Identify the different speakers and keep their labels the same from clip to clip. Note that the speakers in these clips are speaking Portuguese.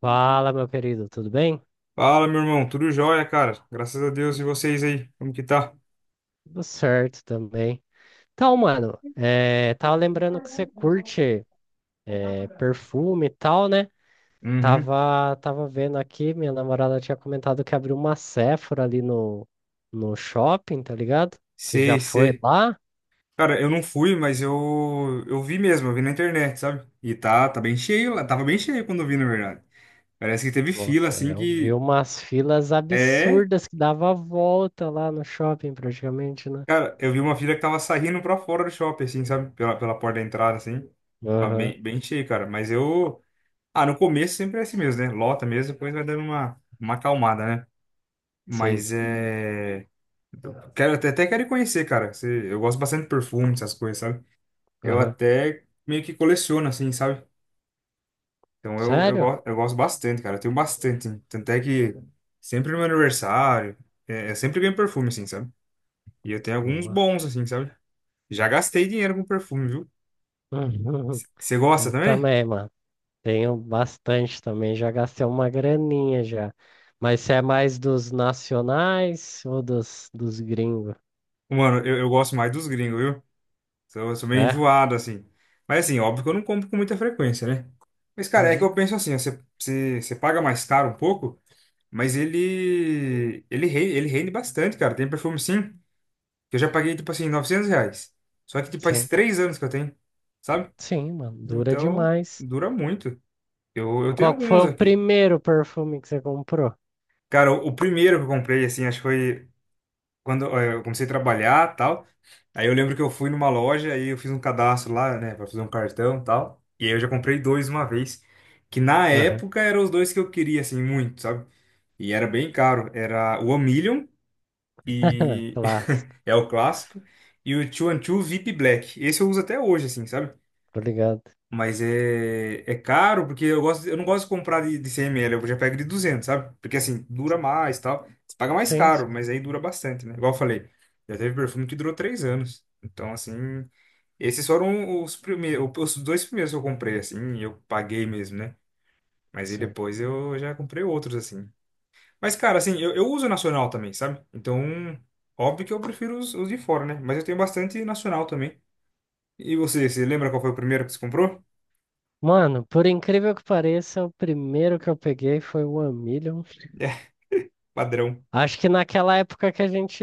Speaker 1: Fala, meu querido, tudo bem?
Speaker 2: Fala, meu irmão, tudo jóia, cara? Graças a Deus e vocês aí, como que tá?
Speaker 1: Tudo certo também. Então, mano, tava lembrando que você curte perfume e tal, né?
Speaker 2: Uhum.
Speaker 1: Tava vendo aqui, minha namorada tinha comentado que abriu uma Sephora ali no shopping, tá ligado? Você já
Speaker 2: Sei,
Speaker 1: foi
Speaker 2: sei.
Speaker 1: lá?
Speaker 2: Cara, eu não fui, mas eu vi mesmo, eu vi na internet, sabe? E tá bem cheio lá, tava bem cheio quando eu vi, na verdade. Parece que teve fila,
Speaker 1: Nossa, é,
Speaker 2: assim,
Speaker 1: eu vi
Speaker 2: que...
Speaker 1: umas filas
Speaker 2: É,
Speaker 1: absurdas que dava a volta lá no shopping praticamente, né?
Speaker 2: cara, eu vi uma fila que tava saindo pra fora do shopping, assim, sabe? Pela porta da entrada, assim. Tava
Speaker 1: Aham,
Speaker 2: bem cheio, cara. Mas eu... Ah, no começo sempre é assim mesmo, né? Lota mesmo, depois vai dando uma acalmada, né?
Speaker 1: sim,
Speaker 2: Mas é... Então, quero, até quero ir conhecer, cara. Você- eu gosto bastante de perfume, essas coisas, sabe? Eu
Speaker 1: aham.
Speaker 2: até meio que coleciono, assim, sabe? Então
Speaker 1: Sério?
Speaker 2: eu gosto bastante, cara. Eu tenho bastante. Hein? Tanto é que sempre no meu aniversário, é, eu sempre ganho perfume, assim, sabe? E eu tenho alguns
Speaker 1: Boa.
Speaker 2: bons, assim, sabe? Já gastei dinheiro com perfume, viu? Você gosta
Speaker 1: Eu
Speaker 2: também?
Speaker 1: também, mano. Tenho bastante também, já gastei uma graninha já. Mas você é mais dos nacionais ou dos gringos?
Speaker 2: Mano, eu gosto mais dos gringos, viu? Sou meio
Speaker 1: É?
Speaker 2: enjoado, assim. Mas, assim, óbvio que eu não compro com muita frequência, né? Mas, cara, é que
Speaker 1: Uhum.
Speaker 2: eu penso assim, ó, você paga mais caro um pouco. Mas ele rende, ele rende bastante, cara. Tem perfume sim, que eu já paguei, tipo assim, 900 reais. Só que, tipo, faz
Speaker 1: Sim,
Speaker 2: 3 anos que eu tenho, sabe?
Speaker 1: sim, mano, dura
Speaker 2: Então,
Speaker 1: demais.
Speaker 2: dura muito. Eu tenho
Speaker 1: Qual que foi
Speaker 2: alguns
Speaker 1: o
Speaker 2: aqui.
Speaker 1: primeiro perfume que você comprou?
Speaker 2: Cara, o primeiro que eu comprei, assim, acho que foi quando eu comecei a trabalhar e tal. Aí eu lembro que eu fui numa loja e eu fiz um cadastro lá, né, pra fazer um cartão e tal. E aí eu já comprei dois uma vez. Que na
Speaker 1: Aham.
Speaker 2: época eram os dois que eu queria, assim, muito, sabe? E era bem caro. Era o One Million. E,
Speaker 1: Clássico,
Speaker 2: É o clássico. E o 212 VIP Black. Esse eu uso até hoje, assim, sabe?
Speaker 1: tô ligado.
Speaker 2: Mas é caro, porque eu gosto, eu não gosto de comprar de 100 ml, eu já pego de 200, sabe? Porque assim, dura mais e tal. Você paga mais
Speaker 1: Sim,
Speaker 2: caro,
Speaker 1: sim,
Speaker 2: mas aí dura bastante, né? Igual eu falei, já teve perfume que durou 3 anos. Então, assim, esses foram os primeiros, os dois primeiros que eu comprei, assim, e eu paguei mesmo, né? Mas aí
Speaker 1: sim.
Speaker 2: depois eu já comprei outros, assim. Mas, cara, assim, eu uso nacional também, sabe? Então, óbvio que eu prefiro os de fora, né? Mas eu tenho bastante nacional também. E você lembra qual foi o primeiro que você comprou?
Speaker 1: Mano, por incrível que pareça, o primeiro que eu peguei foi o One Million.
Speaker 2: É, padrão.
Speaker 1: Acho que naquela época que a gente.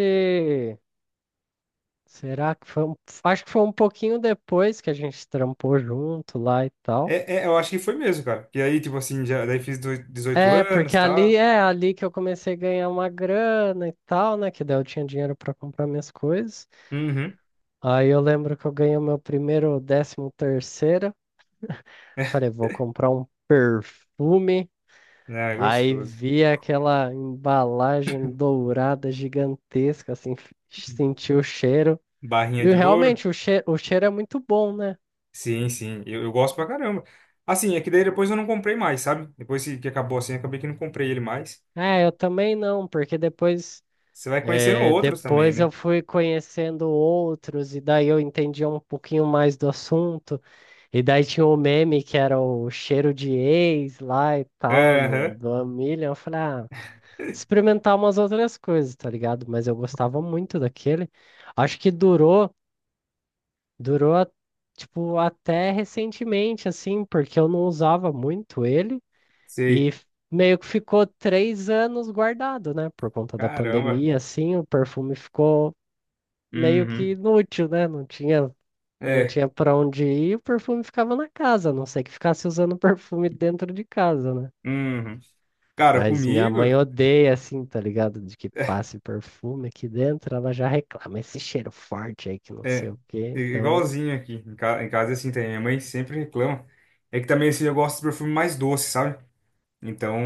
Speaker 1: Será que foi um... Acho que foi um pouquinho depois que a gente trampou junto lá e tal.
Speaker 2: É, eu acho que foi mesmo, cara. E aí, tipo assim, já, daí fiz dezoito
Speaker 1: É,
Speaker 2: anos
Speaker 1: porque
Speaker 2: e
Speaker 1: ali
Speaker 2: tal.
Speaker 1: é ali que eu comecei a ganhar uma grana e tal, né? Que daí eu tinha dinheiro pra comprar minhas coisas.
Speaker 2: Uhum.
Speaker 1: Aí eu lembro que eu ganhei o meu primeiro décimo terceiro. Falei, vou comprar um perfume.
Speaker 2: É
Speaker 1: Aí
Speaker 2: gostoso.
Speaker 1: vi aquela embalagem dourada gigantesca, assim, senti o cheiro.
Speaker 2: Barrinha
Speaker 1: E
Speaker 2: de ouro.
Speaker 1: realmente o cheiro é muito bom, né?
Speaker 2: Sim, sim. Eu gosto pra caramba. Assim, é que daí depois eu não comprei mais, sabe? Depois que acabou assim, acabei que não comprei ele mais.
Speaker 1: É, eu também não, porque depois.
Speaker 2: Você vai conhecendo
Speaker 1: É,
Speaker 2: outros também,
Speaker 1: depois eu
Speaker 2: né?
Speaker 1: fui conhecendo outros, e daí eu entendi um pouquinho mais do assunto. E daí tinha o meme que era o cheiro de ex lá e tal, no,
Speaker 2: Aham,
Speaker 1: do Amilion. Eu falei, ah, experimentar umas outras coisas, tá ligado? Mas eu gostava muito daquele. Acho que durou, durou, a- tipo, até recentemente, assim, porque eu não usava muito ele. E
Speaker 2: sei.
Speaker 1: f- Meio que ficou 3 anos guardado, né? Por conta da
Speaker 2: Caramba.
Speaker 1: pandemia, assim, o perfume ficou meio que
Speaker 2: Uhum.
Speaker 1: inútil, né? Não
Speaker 2: É.
Speaker 1: tinha para onde ir, e o perfume ficava na casa, a não sei que ficasse usando perfume dentro de casa, né?
Speaker 2: Uhum. Cara,
Speaker 1: Mas minha mãe
Speaker 2: comigo
Speaker 1: odeia assim, tá ligado? De que
Speaker 2: é
Speaker 1: passe perfume aqui dentro, ela já reclama esse cheiro forte aí que não sei
Speaker 2: é
Speaker 1: o quê.
Speaker 2: é
Speaker 1: Então,
Speaker 2: igualzinho aqui. Em casa, é assim, tem. Minha mãe sempre reclama. É que também, assim, eu gosto de perfume mais doce, sabe?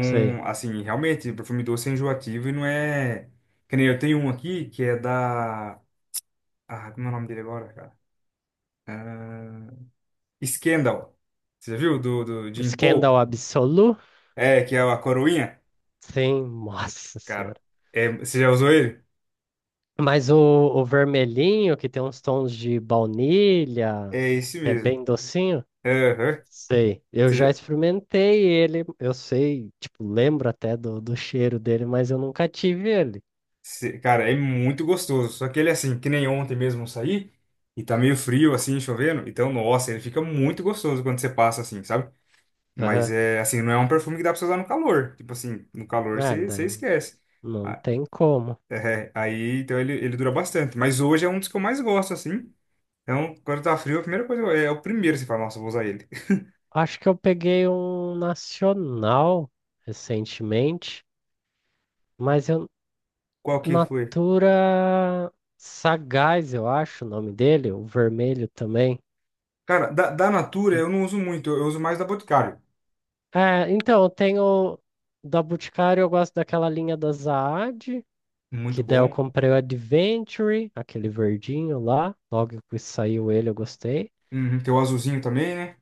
Speaker 1: sei.
Speaker 2: assim, realmente, perfume doce é enjoativo e não é. Que nem eu tenho um aqui que é da. Ah, como é o nome dele agora, cara? Ah, Scandal. Você já viu? Do Jim
Speaker 1: Scandal
Speaker 2: Paul?
Speaker 1: absoluto?
Speaker 2: É, que é a coroinha.
Speaker 1: Sim, nossa
Speaker 2: Cara,
Speaker 1: senhora.
Speaker 2: é... você já usou ele?
Speaker 1: Mas o vermelhinho, que tem uns tons de baunilha,
Speaker 2: É esse
Speaker 1: que é
Speaker 2: mesmo.
Speaker 1: bem docinho.
Speaker 2: Aham.
Speaker 1: Sei, eu
Speaker 2: Você
Speaker 1: já
Speaker 2: já-
Speaker 1: experimentei ele, eu sei, tipo, lembro até do cheiro dele, mas eu nunca tive ele.
Speaker 2: Cara, é muito gostoso. Só que ele, assim, que nem ontem mesmo eu saí, e tá meio frio, assim, chovendo. Então, nossa, ele fica muito gostoso quando você passa, assim, sabe? Mas
Speaker 1: Aham.
Speaker 2: é, assim, não é um perfume que dá pra você usar no calor. Tipo assim, no calor
Speaker 1: É,
Speaker 2: você
Speaker 1: daí não,
Speaker 2: esquece.
Speaker 1: não
Speaker 2: Ah,
Speaker 1: tem como.
Speaker 2: é, aí, então, ele dura bastante. Mas hoje é um dos que eu mais gosto, assim. Então, quando tá frio, a primeira coisa, é o primeiro que você fala, nossa, eu vou usar ele.
Speaker 1: Acho que eu peguei um nacional recentemente, mas eu,
Speaker 2: Qual que foi?
Speaker 1: Natura Sagaz, eu acho o nome dele, o vermelho também.
Speaker 2: Cara, da Natura
Speaker 1: E-
Speaker 2: eu não uso muito, eu uso mais da Boticário.
Speaker 1: É, então, eu tenho da Boticário, eu gosto daquela linha da Zaad.
Speaker 2: Muito
Speaker 1: Que daí eu
Speaker 2: bom.
Speaker 1: comprei o Adventure, aquele verdinho lá. Logo que saiu ele, eu gostei.
Speaker 2: Uhum, tem o azulzinho também, né?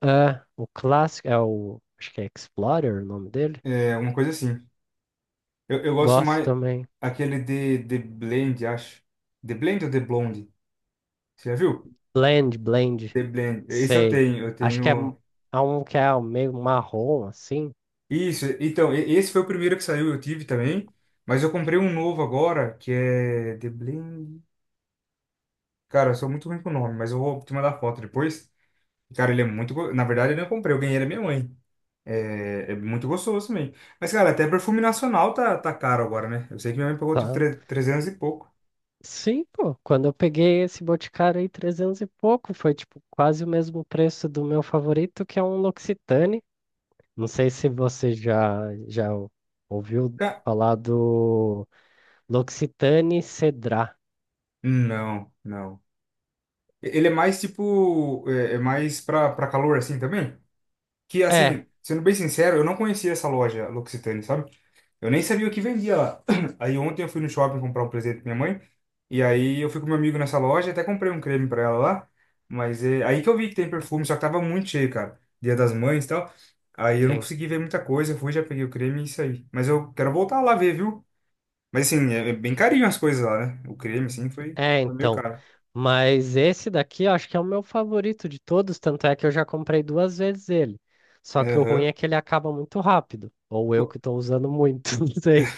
Speaker 1: Ah, o clássico, é o. Acho que é Explorer o nome dele.
Speaker 2: É, uma coisa assim. Eu gosto
Speaker 1: Gosto
Speaker 2: mais
Speaker 1: também.
Speaker 2: aquele de The Blend, acho. The Blend ou The Blonde? Você já viu?
Speaker 1: Blend, Blend.
Speaker 2: The Blend. Esse eu
Speaker 1: Sei.
Speaker 2: tenho, eu
Speaker 1: Acho que é, m-
Speaker 2: tenho.
Speaker 1: É um que é meio marrom, assim.
Speaker 2: Isso, então, esse foi o primeiro que saiu, eu tive também. Mas eu comprei um novo agora, que é The Blend. Cara, eu sou muito ruim com o nome, mas eu vou te mandar foto depois. Cara, ele é muito. Na verdade, eu não comprei, eu ganhei da minha mãe. É muito gostoso também. Mas, cara, até perfume nacional tá caro agora, né? Eu sei que minha mãe pagou tipo
Speaker 1: Tanto.
Speaker 2: 300 e pouco.
Speaker 1: Sim, pô. Quando eu peguei esse Boticário aí, 300 e pouco, foi tipo quase o mesmo preço do meu favorito, que é um L'Occitane. Não sei se você já, já ouviu
Speaker 2: Ca-
Speaker 1: falar do. L'Occitane Cedrat.
Speaker 2: Não, não. Ele é mais tipo, é mais pra calor assim também. Que
Speaker 1: É,
Speaker 2: assim, sendo bem sincero, eu não conhecia essa loja L'Occitane, sabe? Eu nem sabia o que vendia lá. Aí ontem eu fui no shopping comprar um presente pra minha mãe. E aí eu fui com meu amigo nessa loja, até comprei um creme pra ela lá. Mas é aí que eu vi que tem perfume, só que tava muito cheio, cara. Dia das Mães e tal. Aí eu não
Speaker 1: sim.
Speaker 2: consegui ver muita coisa, fui, já peguei o creme e isso aí. Mas eu quero voltar lá ver, viu? Mas assim, é bem carinho as coisas lá, né? O creme, assim, foi,
Speaker 1: É,
Speaker 2: foi meio
Speaker 1: então.
Speaker 2: caro.
Speaker 1: Mas esse daqui eu acho que é o meu favorito de todos, tanto é que eu já comprei duas vezes ele. Só que o ruim é
Speaker 2: Aham.
Speaker 1: que ele acaba muito rápido. Ou eu
Speaker 2: Qu-
Speaker 1: que estou usando muito, não sei.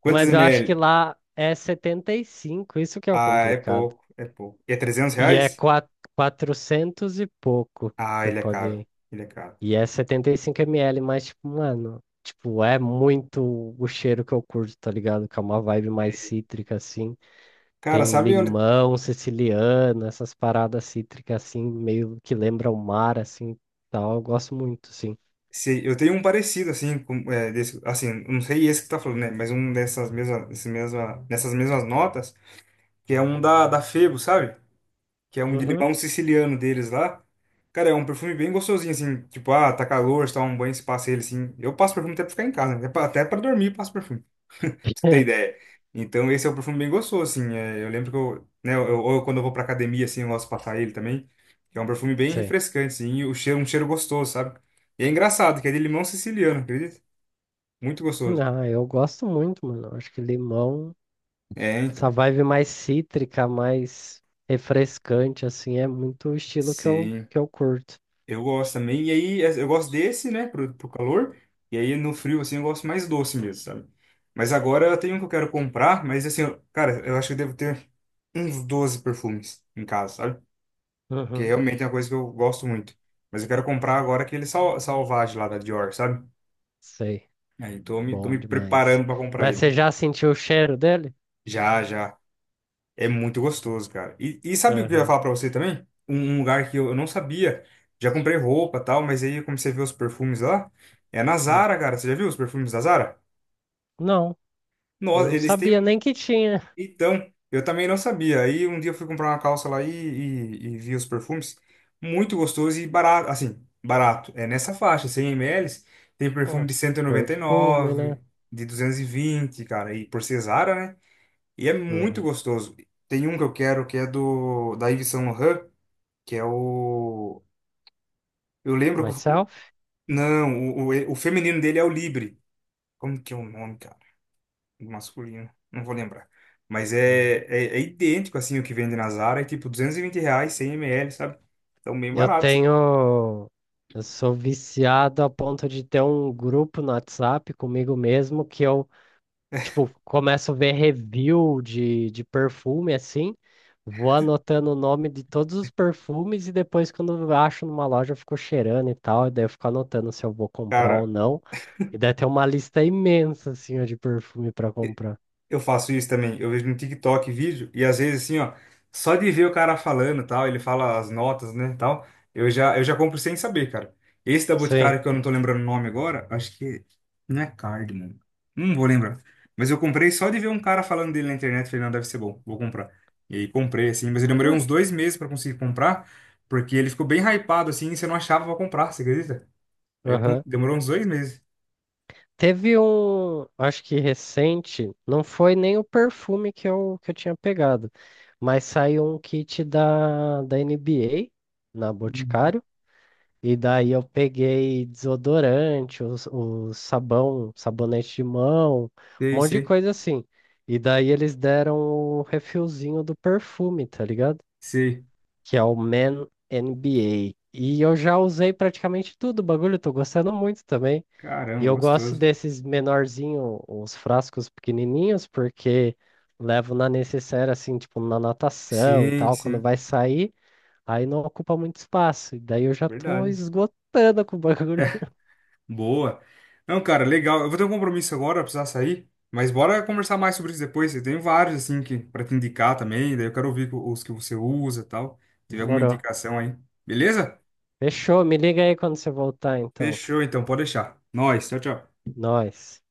Speaker 2: Quantos
Speaker 1: Mas eu acho que
Speaker 2: ml?
Speaker 1: lá é 75. Isso que é o
Speaker 2: Ah, é
Speaker 1: complicado.
Speaker 2: pouco, é pouco. E é 300
Speaker 1: E é
Speaker 2: reais?
Speaker 1: quatro 400 e pouco
Speaker 2: Ah,
Speaker 1: que eu
Speaker 2: ele é caro,
Speaker 1: paguei.
Speaker 2: ele é caro.
Speaker 1: E é 75 ml, mas, tipo, mano, tipo, é muito o cheiro que eu curto, tá ligado? Que é uma vibe mais cítrica, assim.
Speaker 2: Cara,
Speaker 1: Tem
Speaker 2: sabe onde...
Speaker 1: limão siciliano, essas paradas cítricas assim, meio que lembra o mar, assim, tal. Eu gosto muito, sim.
Speaker 2: Eu tenho um parecido, assim, com, é, desse, assim, não sei esse que tá falando, né? Mas um dessas mesmas, desse mesma, nessas mesmas notas, que é um da Febo, sabe? Que é um de
Speaker 1: Uhum.
Speaker 2: limão siciliano deles lá. Cara, é um perfume bem gostosinho, assim, tipo, ah, tá calor, você toma um banho, se passa ele, assim. Eu passo perfume até pra ficar em casa, né? Até pra dormir, eu passo perfume. Pra você ter ideia. Então, esse é um perfume bem gostoso, assim. É, eu lembro que eu, né, quando eu vou pra academia, assim, eu gosto de passar ele também. Que é um perfume bem
Speaker 1: Sei.
Speaker 2: refrescante, assim, e o cheiro, um cheiro gostoso, sabe? E é engraçado, que é de limão siciliano, acredita? Muito gostoso.
Speaker 1: Ah, eu gosto muito, mano. Acho que limão,
Speaker 2: É,
Speaker 1: essa
Speaker 2: então.
Speaker 1: vibe mais cítrica, mais refrescante, assim, é muito o estilo que
Speaker 2: Sim,
Speaker 1: que eu curto.
Speaker 2: eu gosto também. E aí, é, eu gosto desse, né, pro calor. E aí, no frio, assim, eu gosto mais doce mesmo, sabe? Mas agora eu tenho um que eu quero comprar, mas assim, cara, eu acho que eu devo ter uns 12 perfumes em casa, sabe? Que
Speaker 1: Uhum.
Speaker 2: realmente é uma coisa que eu gosto muito. Mas eu quero comprar agora aquele salvage lá da Dior, sabe?
Speaker 1: Sei,
Speaker 2: Aí tô me
Speaker 1: bom demais.
Speaker 2: preparando para comprar
Speaker 1: Mas você
Speaker 2: ele.
Speaker 1: já sentiu o cheiro dele?
Speaker 2: Já, já. É muito gostoso, cara. E sabe o que eu ia
Speaker 1: Aham.
Speaker 2: falar pra você também? Um lugar que eu não sabia. Já comprei roupa e tal, mas aí eu comecei a ver os perfumes lá. É na
Speaker 1: Hum.
Speaker 2: Zara, cara. Você já viu os perfumes da Zara?
Speaker 1: Não,
Speaker 2: Nossa,
Speaker 1: não
Speaker 2: eles
Speaker 1: sabia
Speaker 2: têm.
Speaker 1: nem que tinha.
Speaker 2: Então, eu também não sabia. Aí um dia eu fui comprar uma calça lá e vi os perfumes. Muito gostoso e barato. Assim, barato. É nessa faixa, 100 ml. Tem perfume
Speaker 1: Ah,
Speaker 2: de cento e e noventa e
Speaker 1: perfume, né?
Speaker 2: nove de 220 cara. E por Cesara, né? E é muito
Speaker 1: Uhum.
Speaker 2: gostoso. Tem um que eu quero que é do da Yves Saint Laurent, que é o. Eu lembro que.
Speaker 1: Myself?
Speaker 2: Não, o feminino dele é o Libre. Como que é o nome, masculino, não vou lembrar. Mas
Speaker 1: Hum.
Speaker 2: é idêntico, assim, o que vende na Zara, é tipo 220 reais, 100 ml, sabe? Então, bem
Speaker 1: Eu
Speaker 2: barato, assim.
Speaker 1: tenho. Eu sou viciado a ponto de ter um grupo no WhatsApp comigo mesmo que eu, tipo, começo a ver review de perfume assim, vou anotando o nome de todos os perfumes e depois, quando eu acho numa loja, eu fico cheirando e tal, e daí eu fico anotando se eu vou comprar ou
Speaker 2: Cara,
Speaker 1: não. E daí tem uma lista imensa assim ó, de perfume para comprar.
Speaker 2: eu faço isso também. Eu vejo no TikTok vídeo e às vezes assim, ó, só de ver o cara falando, e tal, ele fala as notas, né, tal, eu já compro sem saber, cara. Esse da
Speaker 1: Sim.
Speaker 2: Boticário que eu não tô lembrando o nome agora, acho que não é Cardamom. Não vou lembrar. Mas eu comprei só de ver um cara falando dele na internet, falei, não, deve ser bom, vou comprar. E aí comprei assim, mas eu demorei
Speaker 1: Cara.
Speaker 2: uns 2 meses pra conseguir comprar, porque ele ficou bem hypado assim, e você não achava pra comprar, você acredita? Aí eu demorou uns 2 meses.
Speaker 1: Teve um, acho que recente, não foi nem o perfume que eu tinha pegado, mas saiu um kit da NBA na
Speaker 2: Uhum.
Speaker 1: Boticário, e daí eu peguei desodorante, os sabão, sabonete de mão, um
Speaker 2: Sei,
Speaker 1: monte de
Speaker 2: sei,
Speaker 1: coisa assim. E daí eles deram o refilzinho do perfume, tá ligado?
Speaker 2: sei.
Speaker 1: Que é o Man NBA. E eu já usei praticamente tudo o bagulho, tô gostando muito também. E
Speaker 2: Caramba,
Speaker 1: eu gosto
Speaker 2: gostoso.
Speaker 1: desses menorzinho, os frascos pequenininhos, porque levo na necessaire, assim, tipo, na natação e
Speaker 2: Sim,
Speaker 1: tal, quando
Speaker 2: sim.
Speaker 1: vai sair, aí não ocupa muito espaço. E daí eu já tô
Speaker 2: Verdade.
Speaker 1: esgotando com o bagulho.
Speaker 2: É, boa. Não, cara, legal. Eu vou ter um compromisso agora, eu precisar sair. Mas bora conversar mais sobre isso depois. Eu tenho vários, assim, que, pra te indicar também. Daí eu quero ouvir os que você usa e tal. Tiver alguma
Speaker 1: Demorou.
Speaker 2: indicação aí. Beleza?
Speaker 1: Fechou, me liga aí quando você voltar, então.
Speaker 2: Fechou, então. Pode deixar. Nós. Tchau, tchau.
Speaker 1: Nós.